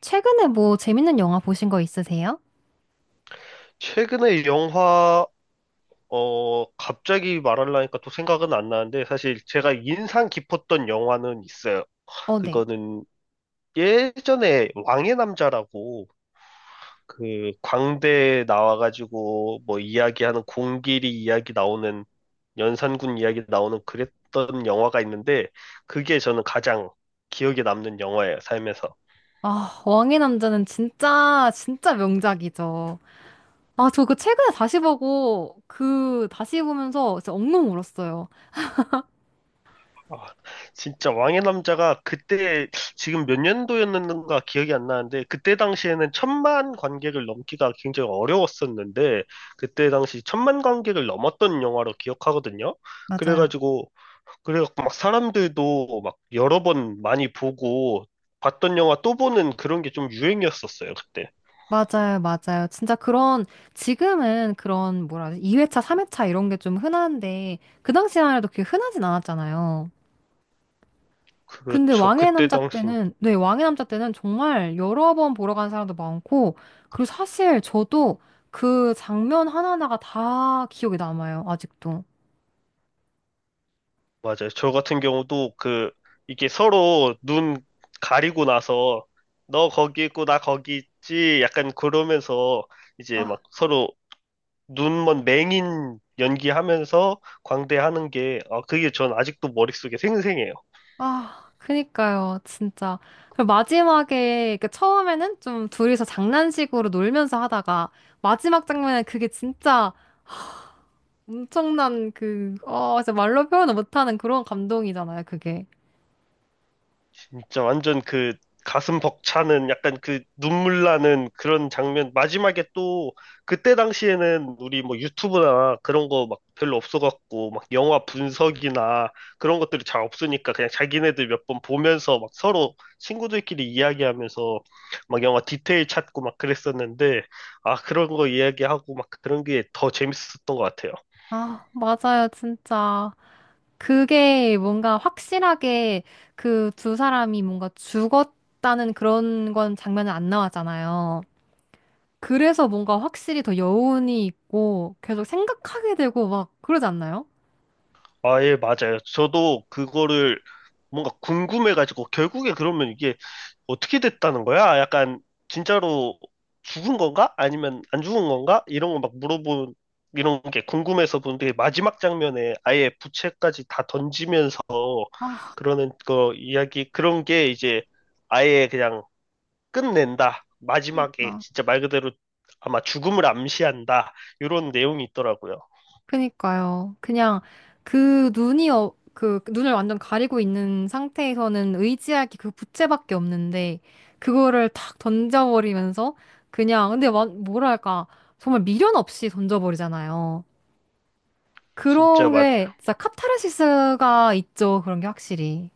최근에 뭐 재밌는 영화 보신 거 있으세요? 최근에 영화, 갑자기 말하려니까 또 생각은 안 나는데, 사실 제가 인상 깊었던 영화는 있어요. 어, 네. 그거는 예전에 왕의 남자라고, 그, 광대에 나와가지고, 뭐, 이야기하는, 공길이 이야기 나오는, 연산군 이야기 나오는 그랬던 영화가 있는데, 그게 저는 가장 기억에 남는 영화예요, 삶에서. 아, 왕의 남자는 진짜, 진짜 명작이죠. 아, 저 그 최근에 다시 보고, 그, 다시 보면서 진짜 엉엉 울었어요. 아, 진짜 왕의 남자가 그때 지금 몇 년도였는가 기억이 안 나는데 그때 당시에는 천만 관객을 넘기가 굉장히 어려웠었는데 그때 당시 천만 관객을 넘었던 영화로 기억하거든요. 맞아요. 그래가지고 그래갖고 막 사람들도 막 여러 번 많이 보고 봤던 영화 또 보는 그런 게 좀 유행이었었어요, 그때. 맞아요, 맞아요. 진짜 그런, 지금은 그런, 뭐라 하지? 2회차, 3회차 이런 게 좀 흔한데, 그 당시만 해도 그게 흔하진 않았잖아요. 근데 그렇죠. 왕의 그때 남자 당시 때는, 네, 왕의 남자 때는 정말 여러 번 보러 간 사람도 많고, 그리고 사실 저도 그 장면 하나하나가 다 기억에 남아요, 아직도. 맞아요. 저 같은 경우도 그 이게 서로 눈 가리고 나서 너 거기 있고 나 거기 있지 약간 그러면서 이제 아, 막 서로 눈먼 맹인 연기하면서 광대하는 게 아, 그게 전 아직도 머릿속에 생생해요. 아, 그니까요, 진짜. 그리고 마지막에, 그 처음에는 좀 둘이서 장난식으로 놀면서 하다가, 마지막 장면에 그게 진짜 엄청난 그, 어, 진짜 말로 표현을 못하는 그런 감동이잖아요, 그게. 진짜 완전 그 가슴 벅차는 약간 그 눈물 나는 그런 장면. 마지막에 또 그때 당시에는 우리 뭐 유튜브나 그런 거 막 별로 없어갖고 막 영화 분석이나 그런 것들이 잘 없으니까 그냥 자기네들 몇 번 보면서 막 서로 친구들끼리 이야기하면서 막 영화 디테일 찾고 막 그랬었는데 아, 그런 거 이야기하고 막 그런 게 더 재밌었던 것 같아요. 아, 맞아요, 진짜. 그게 뭔가 확실하게 그 두 사람이 뭔가 죽었다는 그런 건 장면은 안 나왔잖아요. 그래서 뭔가 확실히 더 여운이 있고 계속 생각하게 되고 막 그러지 않나요? 아, 예, 맞아요. 저도 그거를 뭔가 궁금해가지고, 결국에 그러면 이게 어떻게 됐다는 거야? 약간, 진짜로 죽은 건가? 아니면 안 죽은 건가? 이런 거 막 물어본, 이런 게 궁금해서 보는데, 마지막 장면에 아예 부채까지 다 던지면서 아, 그러는 거 이야기, 그런 게 이제 아예 그냥 끝낸다. 마지막에 그러니까. 진짜 말 그대로 아마 죽음을 암시한다. 이런 내용이 있더라고요. 그니까요. 그냥 그 눈이 어, 그 눈을 완전 가리고 있는 상태에서는 의지할 게 그 부채밖에 없는데 그거를 탁 던져버리면서 그냥 근데 와- 뭐랄까 정말 미련 없이 던져버리잖아요. 진짜 그런 게 진짜 카타르시스가 있죠. 그런 게 확실히.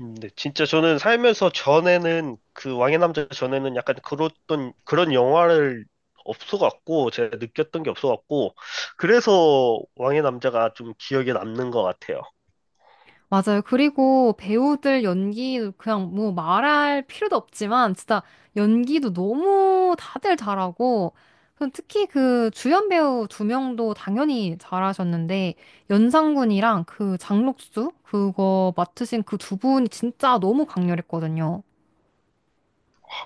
네, 진짜 저는 살면서 전에는 그 왕의 남자 전에는 약간 그랬던 그런 영화를 없어갖고 제가 느꼈던 게 없어갖고 그래서 왕의 남자가 좀 기억에 남는 것 같아요. 맞아요. 그리고 배우들 연기도 그냥 뭐 말할 필요도 없지만 진짜 연기도 너무 다들 잘하고 그럼 특히 그 주연 배우 두 명도 당연히 잘하셨는데 연상군이랑 그 장록수 그거 맡으신 그 두 분이 진짜 너무 강렬했거든요.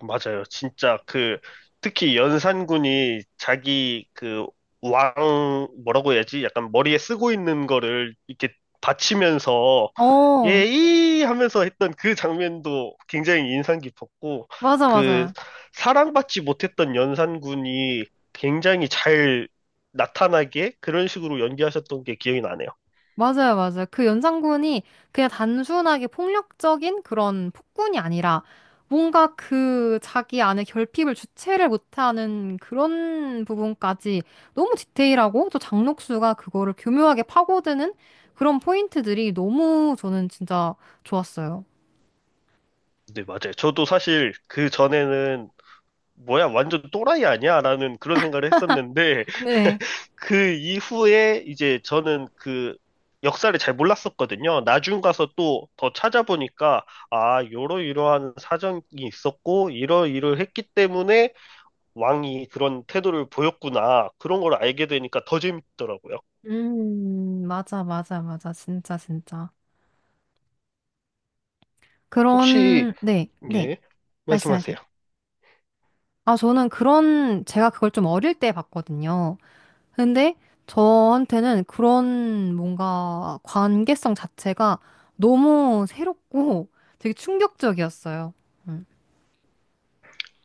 맞아요. 진짜 그 특히 연산군이 자기 그 왕 뭐라고 해야지? 약간 머리에 쓰고 있는 거를 이렇게 받치면서 어, 예이 하면서 했던 그 장면도 굉장히 인상 깊었고 맞아, 그 맞아. 사랑받지 못했던 연산군이 굉장히 잘 나타나게 그런 식으로 연기하셨던 게 기억이 나네요. 맞아요, 맞아요. 그 연산군이 그냥 단순하게 폭력적인 그런 폭군이 아니라 뭔가 그 자기 안에 결핍을 주체를 못하는 그런 부분까지 너무 디테일하고 또 장녹수가 그거를 교묘하게 파고드는 그런 포인트들이 너무 저는 진짜 좋았어요. 네, 맞아요. 저도 사실 그 전에는 뭐야, 완전 또라이 아니야? 라는 그런 생각을 했었는데 네. 그 이후에 이제 저는 그 역사를 잘 몰랐었거든요. 나중 가서 또 더 찾아보니까 아, 이러이러한 사정이 있었고 이러이러 했기 때문에 왕이 그런 태도를 보였구나. 그런 걸 알게 되니까 더 재밌더라고요. 맞아, 맞아, 맞아. 진짜, 진짜. 혹시 그런, 네, 네. 예, 말씀하세요. 말씀하세요. 아, 저는 그런, 제가 그걸 좀 어릴 때 봤거든요. 근데 저한테는 그런 뭔가 관계성 자체가 너무 새롭고 되게 충격적이었어요. 음,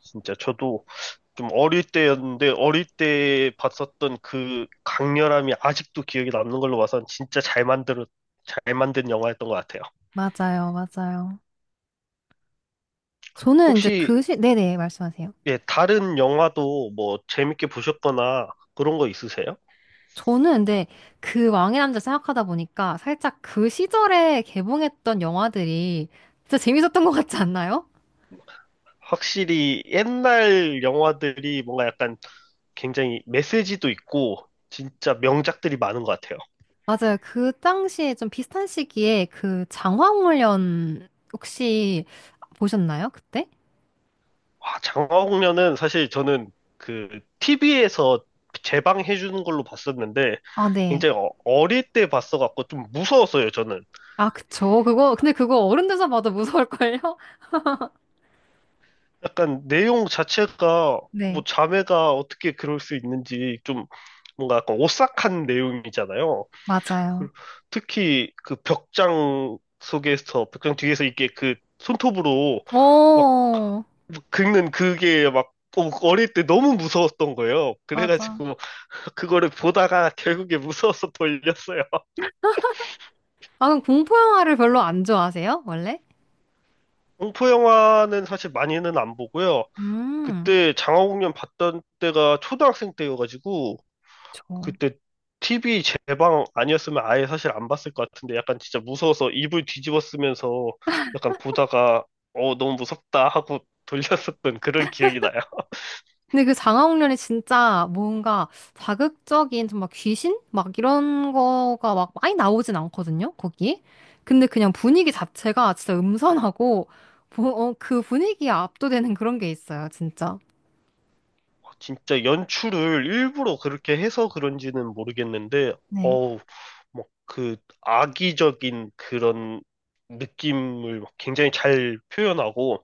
진짜 저도 좀 어릴 때였는데 어릴 때 봤었던 그 강렬함이 아직도 기억에 남는 걸로 봐선 진짜 잘 만든 영화였던 것 같아요. 맞아요, 맞아요. 저는 이제 혹시 그 시, 네네, 말씀하세요. 예, 다른 영화도 뭐 재밌게 보셨거나 그런 거 있으세요? 저는 근데 그 왕의 남자 생각하다 보니까 살짝 그 시절에 개봉했던 영화들이 진짜 재밌었던 것 같지 않나요? 확실히 옛날 영화들이 뭔가 약간 굉장히 메시지도 있고 진짜 명작들이 많은 것 같아요. 맞아요. 그 당시에 좀 비슷한 시기에 그 장화홍련 혹시 보셨나요? 그때? 와, 장화홍련은 사실 저는 그 TV에서 재방해 주는 걸로 봤었는데 아, 네. 굉장히 어릴 때 봤어갖고 좀 무서웠어요, 저는. 아, 그쵸. 그거, 근데 그거 어른 돼서 봐도 무서울걸요? 약간 내용 자체가 네, 뭐 자매가 어떻게 그럴 수 있는지 좀 뭔가 약간 오싹한 내용이잖아요. 맞아요. 그- 특히 그 벽장 속에서 벽장 뒤에서 이게 그 손톱으로 막 어. 긁는 그게 막 어릴 때 너무 무서웠던 거예요. 맞아. 그래가지고 그거를 보다가 결국에 무서워서 돌렸어요. 아, 그럼 공포 영화를 별로 안 좋아하세요? 원래? 공포 영화는 사실 많이는 안 보고요. 음, 그때 장화공연 봤던 때가 초등학생 때여가지고 그렇죠. 그때 TV 제방 아니었으면 아예 사실 안 봤을 것 같은데 약간 진짜 무서워서 이불 뒤집어 쓰면서 약간 보다가 어 너무 무섭다 하고 돌렸었던 그런 기억이 나요. 근데 그 장화홍련이 진짜 뭔가 자극적인 정말 귀신? 막 이런 거가 막 많이 나오진 않거든요, 거기. 근데 그냥 분위기 자체가 진짜 음산하고, 뭐, 어, 그 분위기에 압도되는 그런 게 있어요, 진짜. 진짜 연출을 일부러 그렇게 해서 그런지는 모르겠는데 어우 막 그 악의적인 그런 느낌을 막 굉장히 잘 표현하고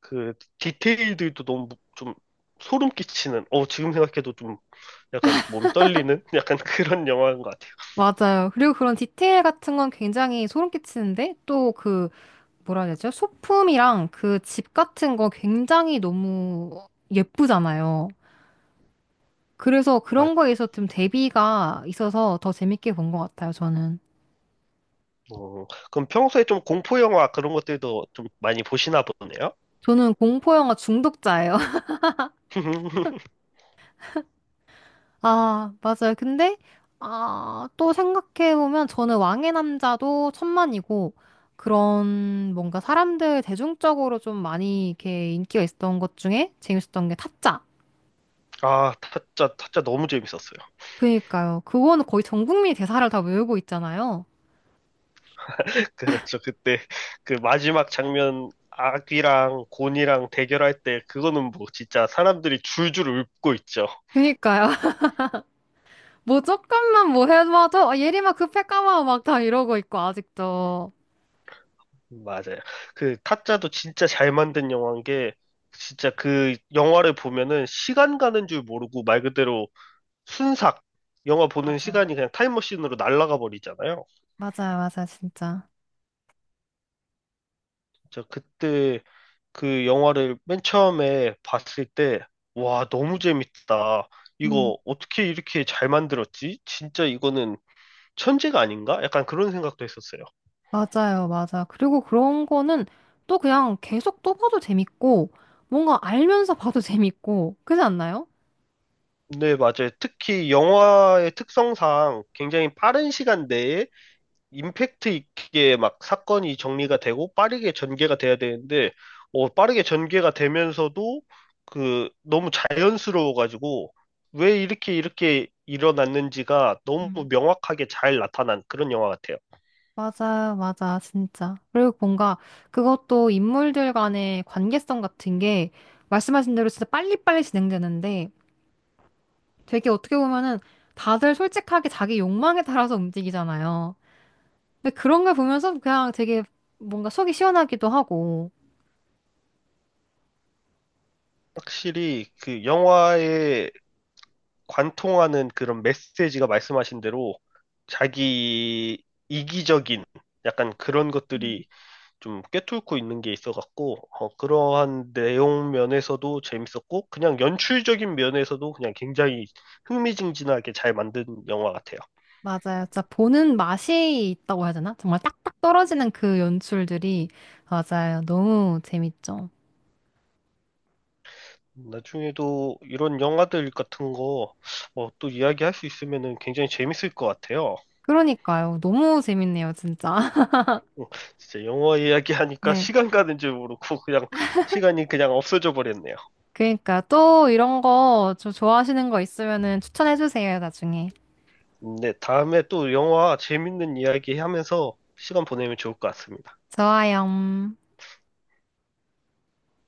그 디테일들도 너무 좀 소름 끼치는 어 지금 생각해도 좀 약간 몸이 떨리는 약간 그런 영화인 것. 맞아요. 그리고 그런 디테일 같은 건 굉장히 소름 끼치는데 또 그 뭐라 해야 되죠? 소품이랑 그 집 같은 거 굉장히 너무 예쁘잖아요. 그래서 아, 그런 거에 있어서 좀 대비가 있어서 더 재밌게 본 것 같아요, 저는. 뭐, 그럼 평소에 좀 공포 영화 그런 것들도 좀 많이 보시나 보네요? 저는 공포 영화 중독자예요. 아, 맞아요. 근데 아, 또 생각해 보면 저는 왕의 남자도 천만이고 그런 뭔가 사람들 대중적으로 좀 많이 이렇게 인기가 있었던 것 중에 재밌었던 게 타짜. 아, 타짜, 타짜 너무 재밌었어요. 그니까요. 그거는 거의 전 국민이 대사를 다 외우고 있잖아요. 그렇죠. 그때 그 마지막 장면 아귀랑 곤이랑 대결할 때 그거는 뭐 진짜 사람들이 줄줄 울고 있죠. 그니까요. 뭐 조금만 뭐 해봐도 아, 예림아 급해 까마워 막 다 이러고 있고 아직도. 맞아요. 그 타짜도 진짜 잘 만든 영화인 게 진짜 그 영화를 보면은 시간 가는 줄 모르고 말 그대로 순삭 영화 보는 맞아. 시간이 그냥 타임머신으로 날아가 버리잖아요. 맞아요, 맞아요, 진짜. 저 그때 그 영화를 맨 처음에 봤을 때, 와, 너무 재밌다. 음. 이거 어떻게 이렇게 잘 만들었지? 진짜 이거는 천재가 아닌가? 약간 그런 생각도 했었어요. 맞아요, 맞아. 그리고 그런 거는 또 그냥 계속 또 봐도 재밌고 뭔가 알면서 봐도 재밌고 그렇지 않나요? 네, 맞아요. 특히 영화의 특성상 굉장히 빠른 시간 내에 임팩트 있게 막 사건이 정리가 되고 빠르게 전개가 돼야 되는데, 빠르게 전개가 되면서도 그 너무 자연스러워가지고 왜 이렇게 이렇게 일어났는지가 너무 음. 명확하게 잘 나타난 그런 영화 같아요. 맞아요, 맞아, 진짜. 그리고 뭔가 그것도 인물들 간의 관계성 같은 게 말씀하신 대로 진짜 빨리빨리 진행되는데 되게 어떻게 보면은 다들 솔직하게 자기 욕망에 따라서 움직이잖아요. 근데 그런 걸 보면서 그냥 되게 뭔가 속이 시원하기도 하고. 확실히 그 영화에 관통하는 그런 메시지가 말씀하신 대로 자기 이기적인 약간 그런 것들이 좀 꿰뚫고 있는 게 있어갖고 그러한 내용 면에서도 재밌었고 그냥 연출적인 면에서도 그냥 굉장히 흥미진진하게 잘 만든 영화 같아요. 맞아요. 진짜 보는 맛이 있다고 해야 되나? 정말 딱딱 떨어지는 그 연출들이 맞아요. 너무 재밌죠. 나중에도 이런 영화들 같은 거 또 이야기할 수 있으면은 굉장히 재밌을 것 같아요. 그러니까요. 너무 재밌네요, 진짜. 어, 진짜 영화 이야기하니까 네. 시간 가는 줄 모르고 그냥 시간이 그냥 없어져 버렸네요. 그러니까 또 이런 거 저 좋아하시는 거 있으면은 추천해 주세요, 나중에. 네, 다음에 또 영화 재밌는 이야기 하면서 시간 보내면 좋을 것 같습니다. 좋아요.